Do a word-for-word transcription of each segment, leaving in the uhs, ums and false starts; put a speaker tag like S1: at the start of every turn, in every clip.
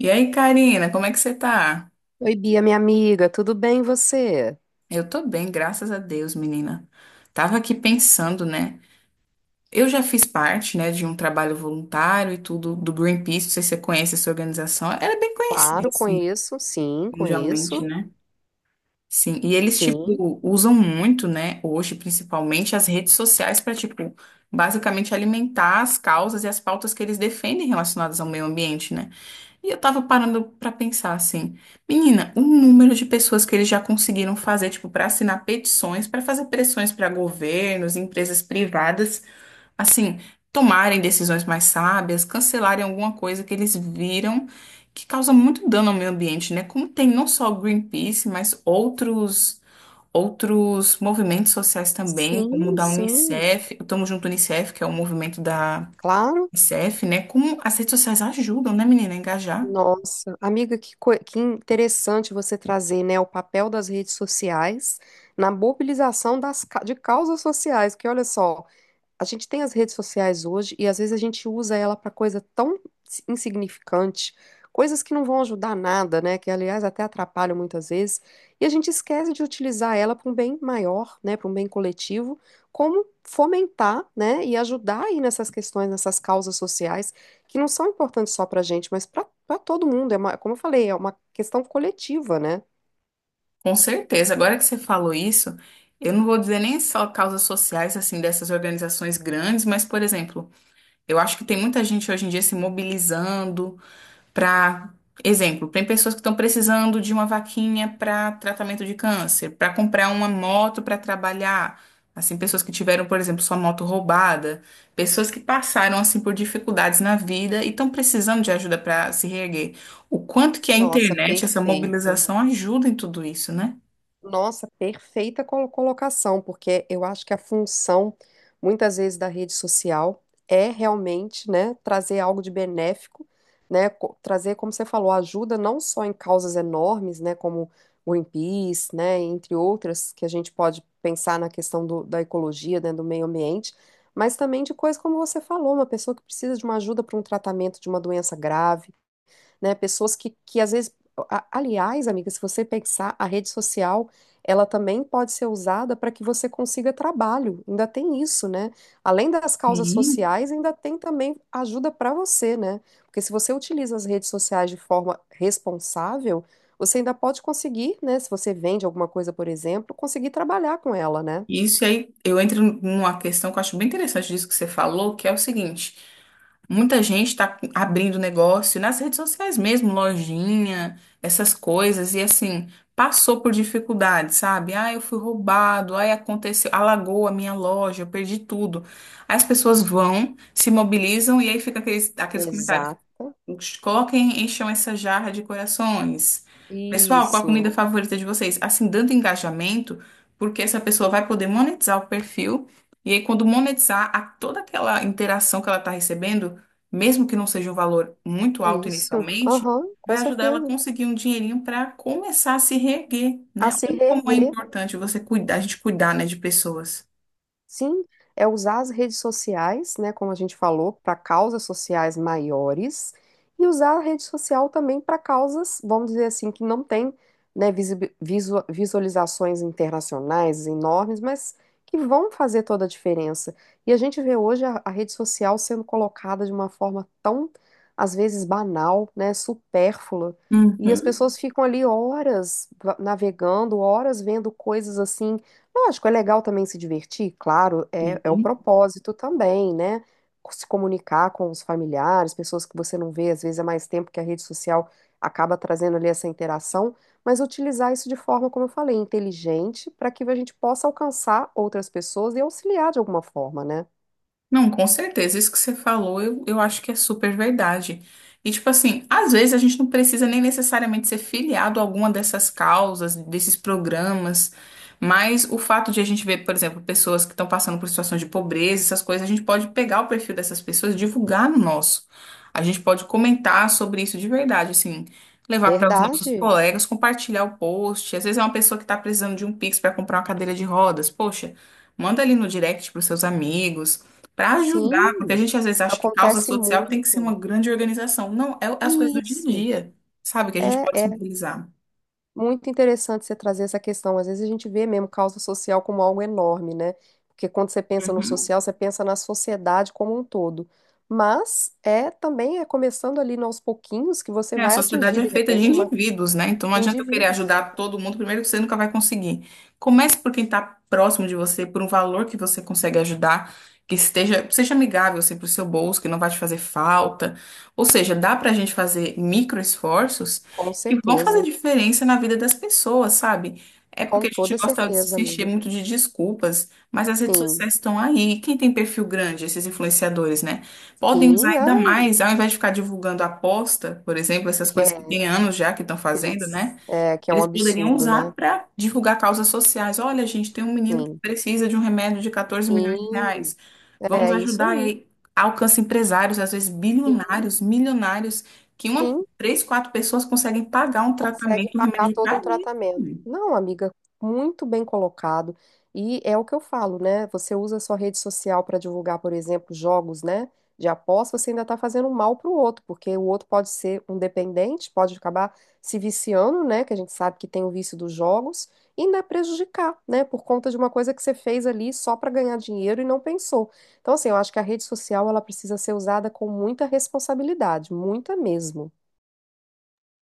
S1: E aí, Karina, como é que você tá?
S2: Oi, Bia, minha amiga, tudo bem e você?
S1: Eu tô bem, graças a Deus, menina. Tava aqui pensando, né? Eu já fiz parte, né, de um trabalho voluntário e tudo do Greenpeace, não sei se você conhece essa organização. Ela é bem conhecida,
S2: Claro,
S1: assim,
S2: conheço, sim, conheço,
S1: mundialmente, né? Sim, e eles,
S2: sim,
S1: tipo, usam muito, né, hoje, principalmente, as redes sociais para, tipo, basicamente alimentar as causas e as pautas que eles defendem relacionadas ao meio ambiente, né? E eu tava parando pra pensar assim, menina, o número de pessoas que eles já conseguiram fazer, tipo, pra assinar petições, pra fazer pressões pra governos, empresas privadas, assim, tomarem decisões mais sábias, cancelarem alguma coisa que eles viram que causa muito dano ao meio ambiente, né? Como tem não só o Greenpeace, mas outros outros movimentos sociais também, como o
S2: sim,
S1: da
S2: sim,
S1: Unicef, o Tamo Junto Unicef, que é o movimento da
S2: claro.
S1: Unicef, né? Como as redes sociais ajudam, né, menina, a engajar.
S2: Nossa, amiga, que, co- que interessante você trazer, né, o papel das redes sociais na mobilização das, ca- de causas sociais, que olha só. A gente tem as redes sociais hoje e às vezes a gente usa ela para coisa tão si, insignificante, coisas que não vão ajudar nada, né? Que aliás até atrapalham muitas vezes, e a gente esquece de utilizar ela para um bem maior, né? Para um bem coletivo, como fomentar, né? E ajudar aí nessas questões, nessas causas sociais que não são importantes só para a gente, mas para para todo mundo. É uma, como eu falei, é uma questão coletiva, né?
S1: Com certeza. Agora que você falou isso, eu não vou dizer nem só causas sociais assim dessas organizações grandes, mas, por exemplo, eu acho que tem muita gente hoje em dia se mobilizando para, exemplo, tem pessoas que estão precisando de uma vaquinha para tratamento de câncer, para comprar uma moto para trabalhar. Assim, pessoas que tiveram, por exemplo, sua moto roubada, pessoas que passaram assim por dificuldades na vida e estão precisando de ajuda para se reerguer. O quanto que a
S2: Nossa,
S1: internet, essa
S2: perfeito.
S1: mobilização ajuda em tudo isso, né?
S2: Nossa, perfeita colo- colocação, porque eu acho que a função, muitas vezes, da rede social é realmente, né, trazer algo de benéfico, né, co- trazer, como você falou, ajuda não só em causas enormes, né, como Greenpeace, né, entre outras, que a gente pode pensar na questão do- da ecologia, né, do meio ambiente, mas também de coisas como você falou, uma pessoa que precisa de uma ajuda para um tratamento de uma doença grave, né? Pessoas que, que às vezes, a- aliás, amiga, se você pensar, a rede social, ela também pode ser usada para que você consiga trabalho. Ainda tem isso, né? Além das causas
S1: Sim.
S2: sociais, ainda tem também ajuda para você, né? Porque se você utiliza as redes sociais de forma responsável, você ainda pode conseguir, né? Se você vende alguma coisa, por exemplo, conseguir trabalhar com ela, né?
S1: Isso e aí, eu entro numa questão que eu acho bem interessante disso que você falou, que é o seguinte: muita gente está abrindo negócio nas redes sociais mesmo, lojinha, essas coisas, e assim, passou por dificuldades, sabe? Ah, eu fui roubado, aí aconteceu, alagou a minha loja, eu perdi tudo. Aí as pessoas vão, se mobilizam e aí fica aqueles, aqueles comentários.
S2: Exato.
S1: Coloquem, encham essa jarra de corações. Pessoal, qual a
S2: Isso,
S1: comida favorita de vocês? Assim, dando engajamento, porque essa pessoa vai poder monetizar o perfil. E aí, quando monetizar, a toda aquela interação que ela está recebendo, mesmo que não seja um valor muito alto
S2: isso,
S1: inicialmente,
S2: aham, com
S1: vai ajudar ela a
S2: certeza.
S1: conseguir um dinheirinho para começar a se reerguer,
S2: A
S1: né?
S2: se
S1: Olha como é
S2: reerguer.
S1: importante você cuidar, a gente cuidar, né, de pessoas.
S2: Sim, é usar as redes sociais, né, como a gente falou, para causas sociais maiores e usar a rede social também para causas, vamos dizer assim, que não tem, né, visi- visu- visualizações internacionais enormes, mas que vão fazer toda a diferença. E a gente vê hoje a, a rede social sendo colocada de uma forma tão, às vezes, banal, né, supérflua, e as
S1: Uhum.
S2: pessoas ficam ali horas va- navegando, horas vendo coisas assim. Lógico, é legal também se divertir, claro, é, é o
S1: Sim.
S2: propósito também, né? Se comunicar com os familiares, pessoas que você não vê, às vezes é mais tempo que a rede social acaba trazendo ali essa interação, mas utilizar isso de forma, como eu falei, inteligente, para que a gente possa alcançar outras pessoas e auxiliar de alguma forma, né?
S1: Não, com certeza. Isso que você falou, eu, eu acho que é super verdade. E, tipo assim, às vezes a gente não precisa nem necessariamente ser filiado a alguma dessas causas, desses programas, mas o fato de a gente ver, por exemplo, pessoas que estão passando por situações de pobreza, essas coisas, a gente pode pegar o perfil dessas pessoas e divulgar no nosso. A gente pode comentar sobre isso de verdade, assim, levar para os nossos
S2: Verdade?
S1: colegas, compartilhar o post. Às vezes é uma pessoa que está precisando de um Pix para comprar uma cadeira de rodas. Poxa, manda ali no direct para os seus amigos. Para ajudar, porque a
S2: Sim,
S1: gente às vezes
S2: isso
S1: acha que causa
S2: acontece
S1: social tem que ser uma
S2: muito.
S1: grande organização. Não, é é as coisas do dia a
S2: Isso.
S1: dia, sabe? Que a gente
S2: É.
S1: pode
S2: é
S1: se mobilizar.
S2: Muito interessante você trazer essa questão. Às vezes a gente vê mesmo causa social como algo enorme, né? Porque quando você pensa no
S1: Uhum.
S2: social, você pensa na sociedade como um todo. Mas é também é começando ali aos pouquinhos que você
S1: É, a
S2: vai
S1: sociedade
S2: atingir,
S1: é
S2: de
S1: feita de
S2: repente, uma
S1: indivíduos, né? Então não
S2: de
S1: adianta eu querer
S2: indivíduos.
S1: ajudar todo mundo, primeiro que você nunca vai conseguir. Comece por quem está próximo de você, por um valor que você consegue ajudar, que esteja, seja amigável assim, para o seu bolso, que não vai te fazer falta. Ou seja, dá para a gente fazer micro esforços
S2: Com
S1: que vão fazer
S2: certeza.
S1: diferença na vida das pessoas, sabe? É porque
S2: Com
S1: a gente
S2: toda
S1: gosta de
S2: certeza,
S1: se encher
S2: amiga.
S1: muito de desculpas, mas as redes
S2: Sim.
S1: sociais estão aí. Quem tem perfil grande, esses influenciadores, né? Podem usar
S2: Sim,
S1: ainda
S2: ai,
S1: mais, ao invés de ficar divulgando aposta, por exemplo, essas coisas que
S2: é,
S1: tem anos já que estão
S2: que a gente,
S1: fazendo, né?
S2: é, que é um
S1: Eles poderiam
S2: absurdo, né?
S1: usar para divulgar causas sociais. Olha, gente, tem um menino que
S2: Sim.
S1: precisa de um remédio de quatorze milhões de
S2: Sim.
S1: reais. Vamos
S2: É isso
S1: ajudar e
S2: aí.
S1: aí alcança empresários, às vezes
S2: Sim.
S1: bilionários, milionários, que uma,
S2: Sim.
S1: três, quatro pessoas conseguem pagar um
S2: Consegue
S1: tratamento, um
S2: pagar
S1: remédio
S2: todo um
S1: para ele.
S2: tratamento. Não, amiga, muito bem colocado. E é o que eu falo, né? Você usa a sua rede social para divulgar, por exemplo, jogos, né? De aposta, você ainda está fazendo um mal para o outro, porque o outro pode ser um dependente, pode acabar se viciando, né? Que a gente sabe que tem o vício dos jogos, e ainda prejudicar, né? Por conta de uma coisa que você fez ali só para ganhar dinheiro e não pensou. Então, assim, eu acho que a rede social ela precisa ser usada com muita responsabilidade, muita mesmo.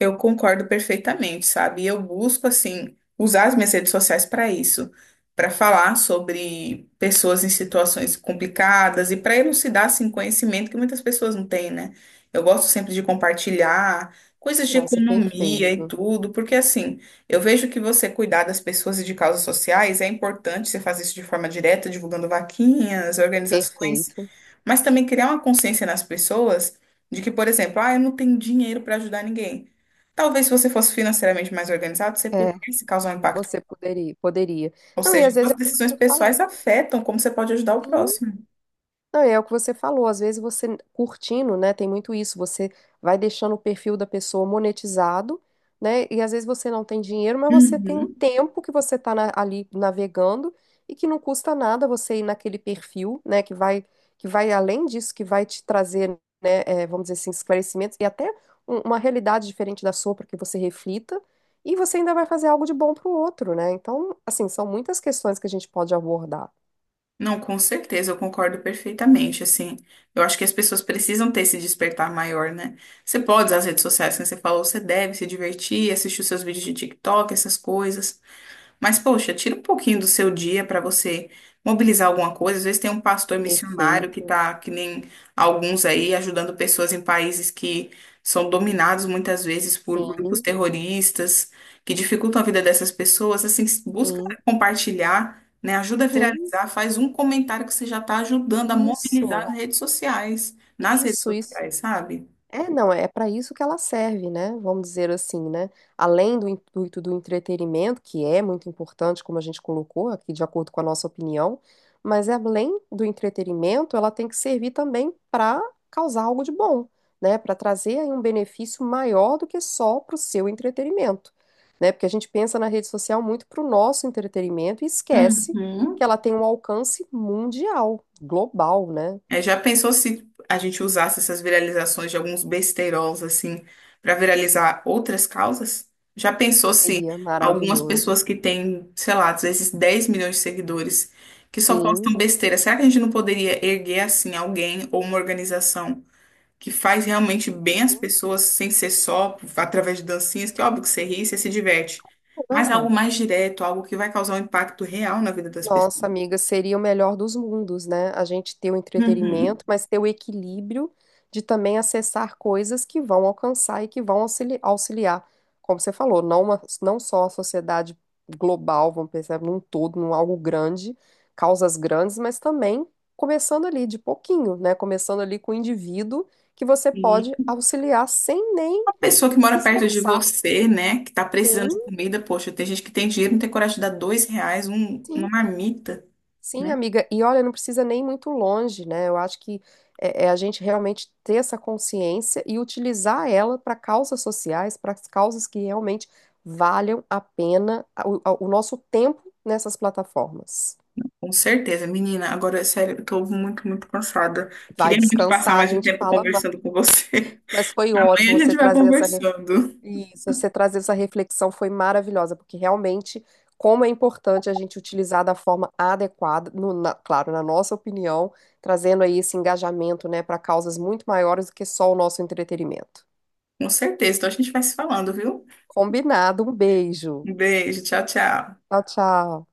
S1: Eu concordo perfeitamente, sabe? E eu busco, assim, usar as minhas redes sociais para isso, para falar sobre pessoas em situações complicadas e para elucidar, assim, conhecimento que muitas pessoas não têm, né? Eu gosto sempre de compartilhar coisas de
S2: Nossa,
S1: economia e
S2: perfeito.
S1: tudo, porque, assim, eu vejo que você cuidar das pessoas e de causas sociais é importante, você faz isso de forma direta, divulgando vaquinhas, organizações.
S2: Perfeito.
S1: Mas também criar uma consciência nas pessoas de que, por exemplo, ah, eu não tenho dinheiro para ajudar ninguém. Talvez se você fosse financeiramente mais organizado, você
S2: É,
S1: pudesse causar um impacto.
S2: você poderia, poderia.
S1: Ou
S2: Não, e
S1: seja,
S2: às vezes é
S1: suas
S2: o
S1: decisões
S2: que você falou.
S1: pessoais afetam como você pode ajudar o
S2: Sim,
S1: próximo.
S2: não, e é o que você falou, às vezes você curtindo, né, tem muito isso, você vai deixando o perfil da pessoa monetizado, né, e às vezes você não tem dinheiro, mas você tem o
S1: Uhum.
S2: tempo que você tá na- ali navegando e que não custa nada você ir naquele perfil, né, que vai, que vai além disso, que vai te trazer, né, é, vamos dizer assim, esclarecimentos e até um- uma realidade diferente da sua para que você reflita e você ainda vai fazer algo de bom para o outro, né, então, assim, são muitas questões que a gente pode abordar.
S1: Não, com certeza, eu concordo perfeitamente, assim. Eu acho que as pessoas precisam ter esse despertar maior, né? Você pode usar as redes sociais, como você falou, você deve se divertir, assistir os seus vídeos de TikTok, essas coisas. Mas, poxa, tira um pouquinho do seu dia para você mobilizar alguma coisa. Às vezes tem um pastor missionário que
S2: Perfeito.
S1: tá, que nem alguns aí, ajudando pessoas em países que são dominados muitas vezes por grupos
S2: Sim,
S1: terroristas, que dificultam a vida dessas pessoas. Assim, busca
S2: sim,
S1: compartilhar, né? Ajuda a
S2: sim.
S1: viralizar, faz um comentário que você já está ajudando a mobilizar
S2: Isso,
S1: as redes sociais, nas redes
S2: isso, isso.
S1: sociais, sabe?
S2: É, não, é para isso que ela serve, né? Vamos dizer assim, né? Além do intuito do entretenimento, que é muito importante, como a gente colocou aqui, de acordo com a nossa opinião, mas além do entretenimento, ela tem que servir também para causar algo de bom, né? Para trazer aí um benefício maior do que só para o seu entretenimento, né? Porque a gente pensa na rede social muito para o nosso entretenimento e esquece
S1: Uhum.
S2: que ela tem um alcance mundial, global, né?
S1: É, já pensou se a gente usasse essas viralizações de alguns besteiros assim para viralizar outras causas? Já pensou se
S2: Seria
S1: algumas
S2: maravilhoso.
S1: pessoas que têm, sei lá, às vezes dez milhões de seguidores que só
S2: Sim.
S1: postam besteira, será que a gente não poderia erguer assim alguém ou uma organização que faz realmente bem às pessoas sem ser só através de dancinhas, que é óbvio que você ri, você se diverte, mas algo
S2: É.
S1: mais direto, algo que vai causar um impacto real na vida das pessoas?
S2: Nossa, amiga, seria o melhor dos mundos, né? A gente ter o
S1: Uhum.
S2: entretenimento, mas ter o equilíbrio de também acessar coisas que vão alcançar e que vão auxili- auxiliar, como você falou, não, uma- não só a sociedade global, vamos pensar num todo, num algo grande, causas grandes, mas também começando ali de pouquinho, né? Começando ali com o indivíduo que você pode auxiliar sem nem
S1: Pessoa que
S2: se
S1: mora perto de
S2: esforçar.
S1: você, né, que tá precisando
S2: Sim,
S1: de comida, poxa, tem gente que tem dinheiro, não tem coragem de dar dois reais, um- uma
S2: sim.
S1: marmita,
S2: Sim,
S1: né?
S2: amiga, e olha, não precisa nem muito longe, né? Eu acho que é, é a gente realmente ter essa consciência e utilizar ela para causas sociais, para causas que realmente valham a pena o, o nosso tempo nessas plataformas.
S1: Com certeza, menina. Agora, sério, eu tô muito, muito cansada.
S2: Vai
S1: Queria muito passar
S2: descansar, a
S1: mais um
S2: gente
S1: tempo
S2: fala, ma-
S1: conversando com você.
S2: mas foi ótimo
S1: Amanhã a
S2: você
S1: gente vai
S2: trazer essa.
S1: conversando.
S2: Isso, você trazer essa reflexão foi maravilhosa, porque realmente como é importante a gente utilizar da forma adequada, no- na- claro, na nossa opinião, trazendo aí esse engajamento, né, para causas muito maiores do que só o nosso entretenimento.
S1: Com certeza. Então a gente vai se falando, viu?
S2: Combinado, um beijo.
S1: Um beijo, tchau, tchau.
S2: Tchau, tchau.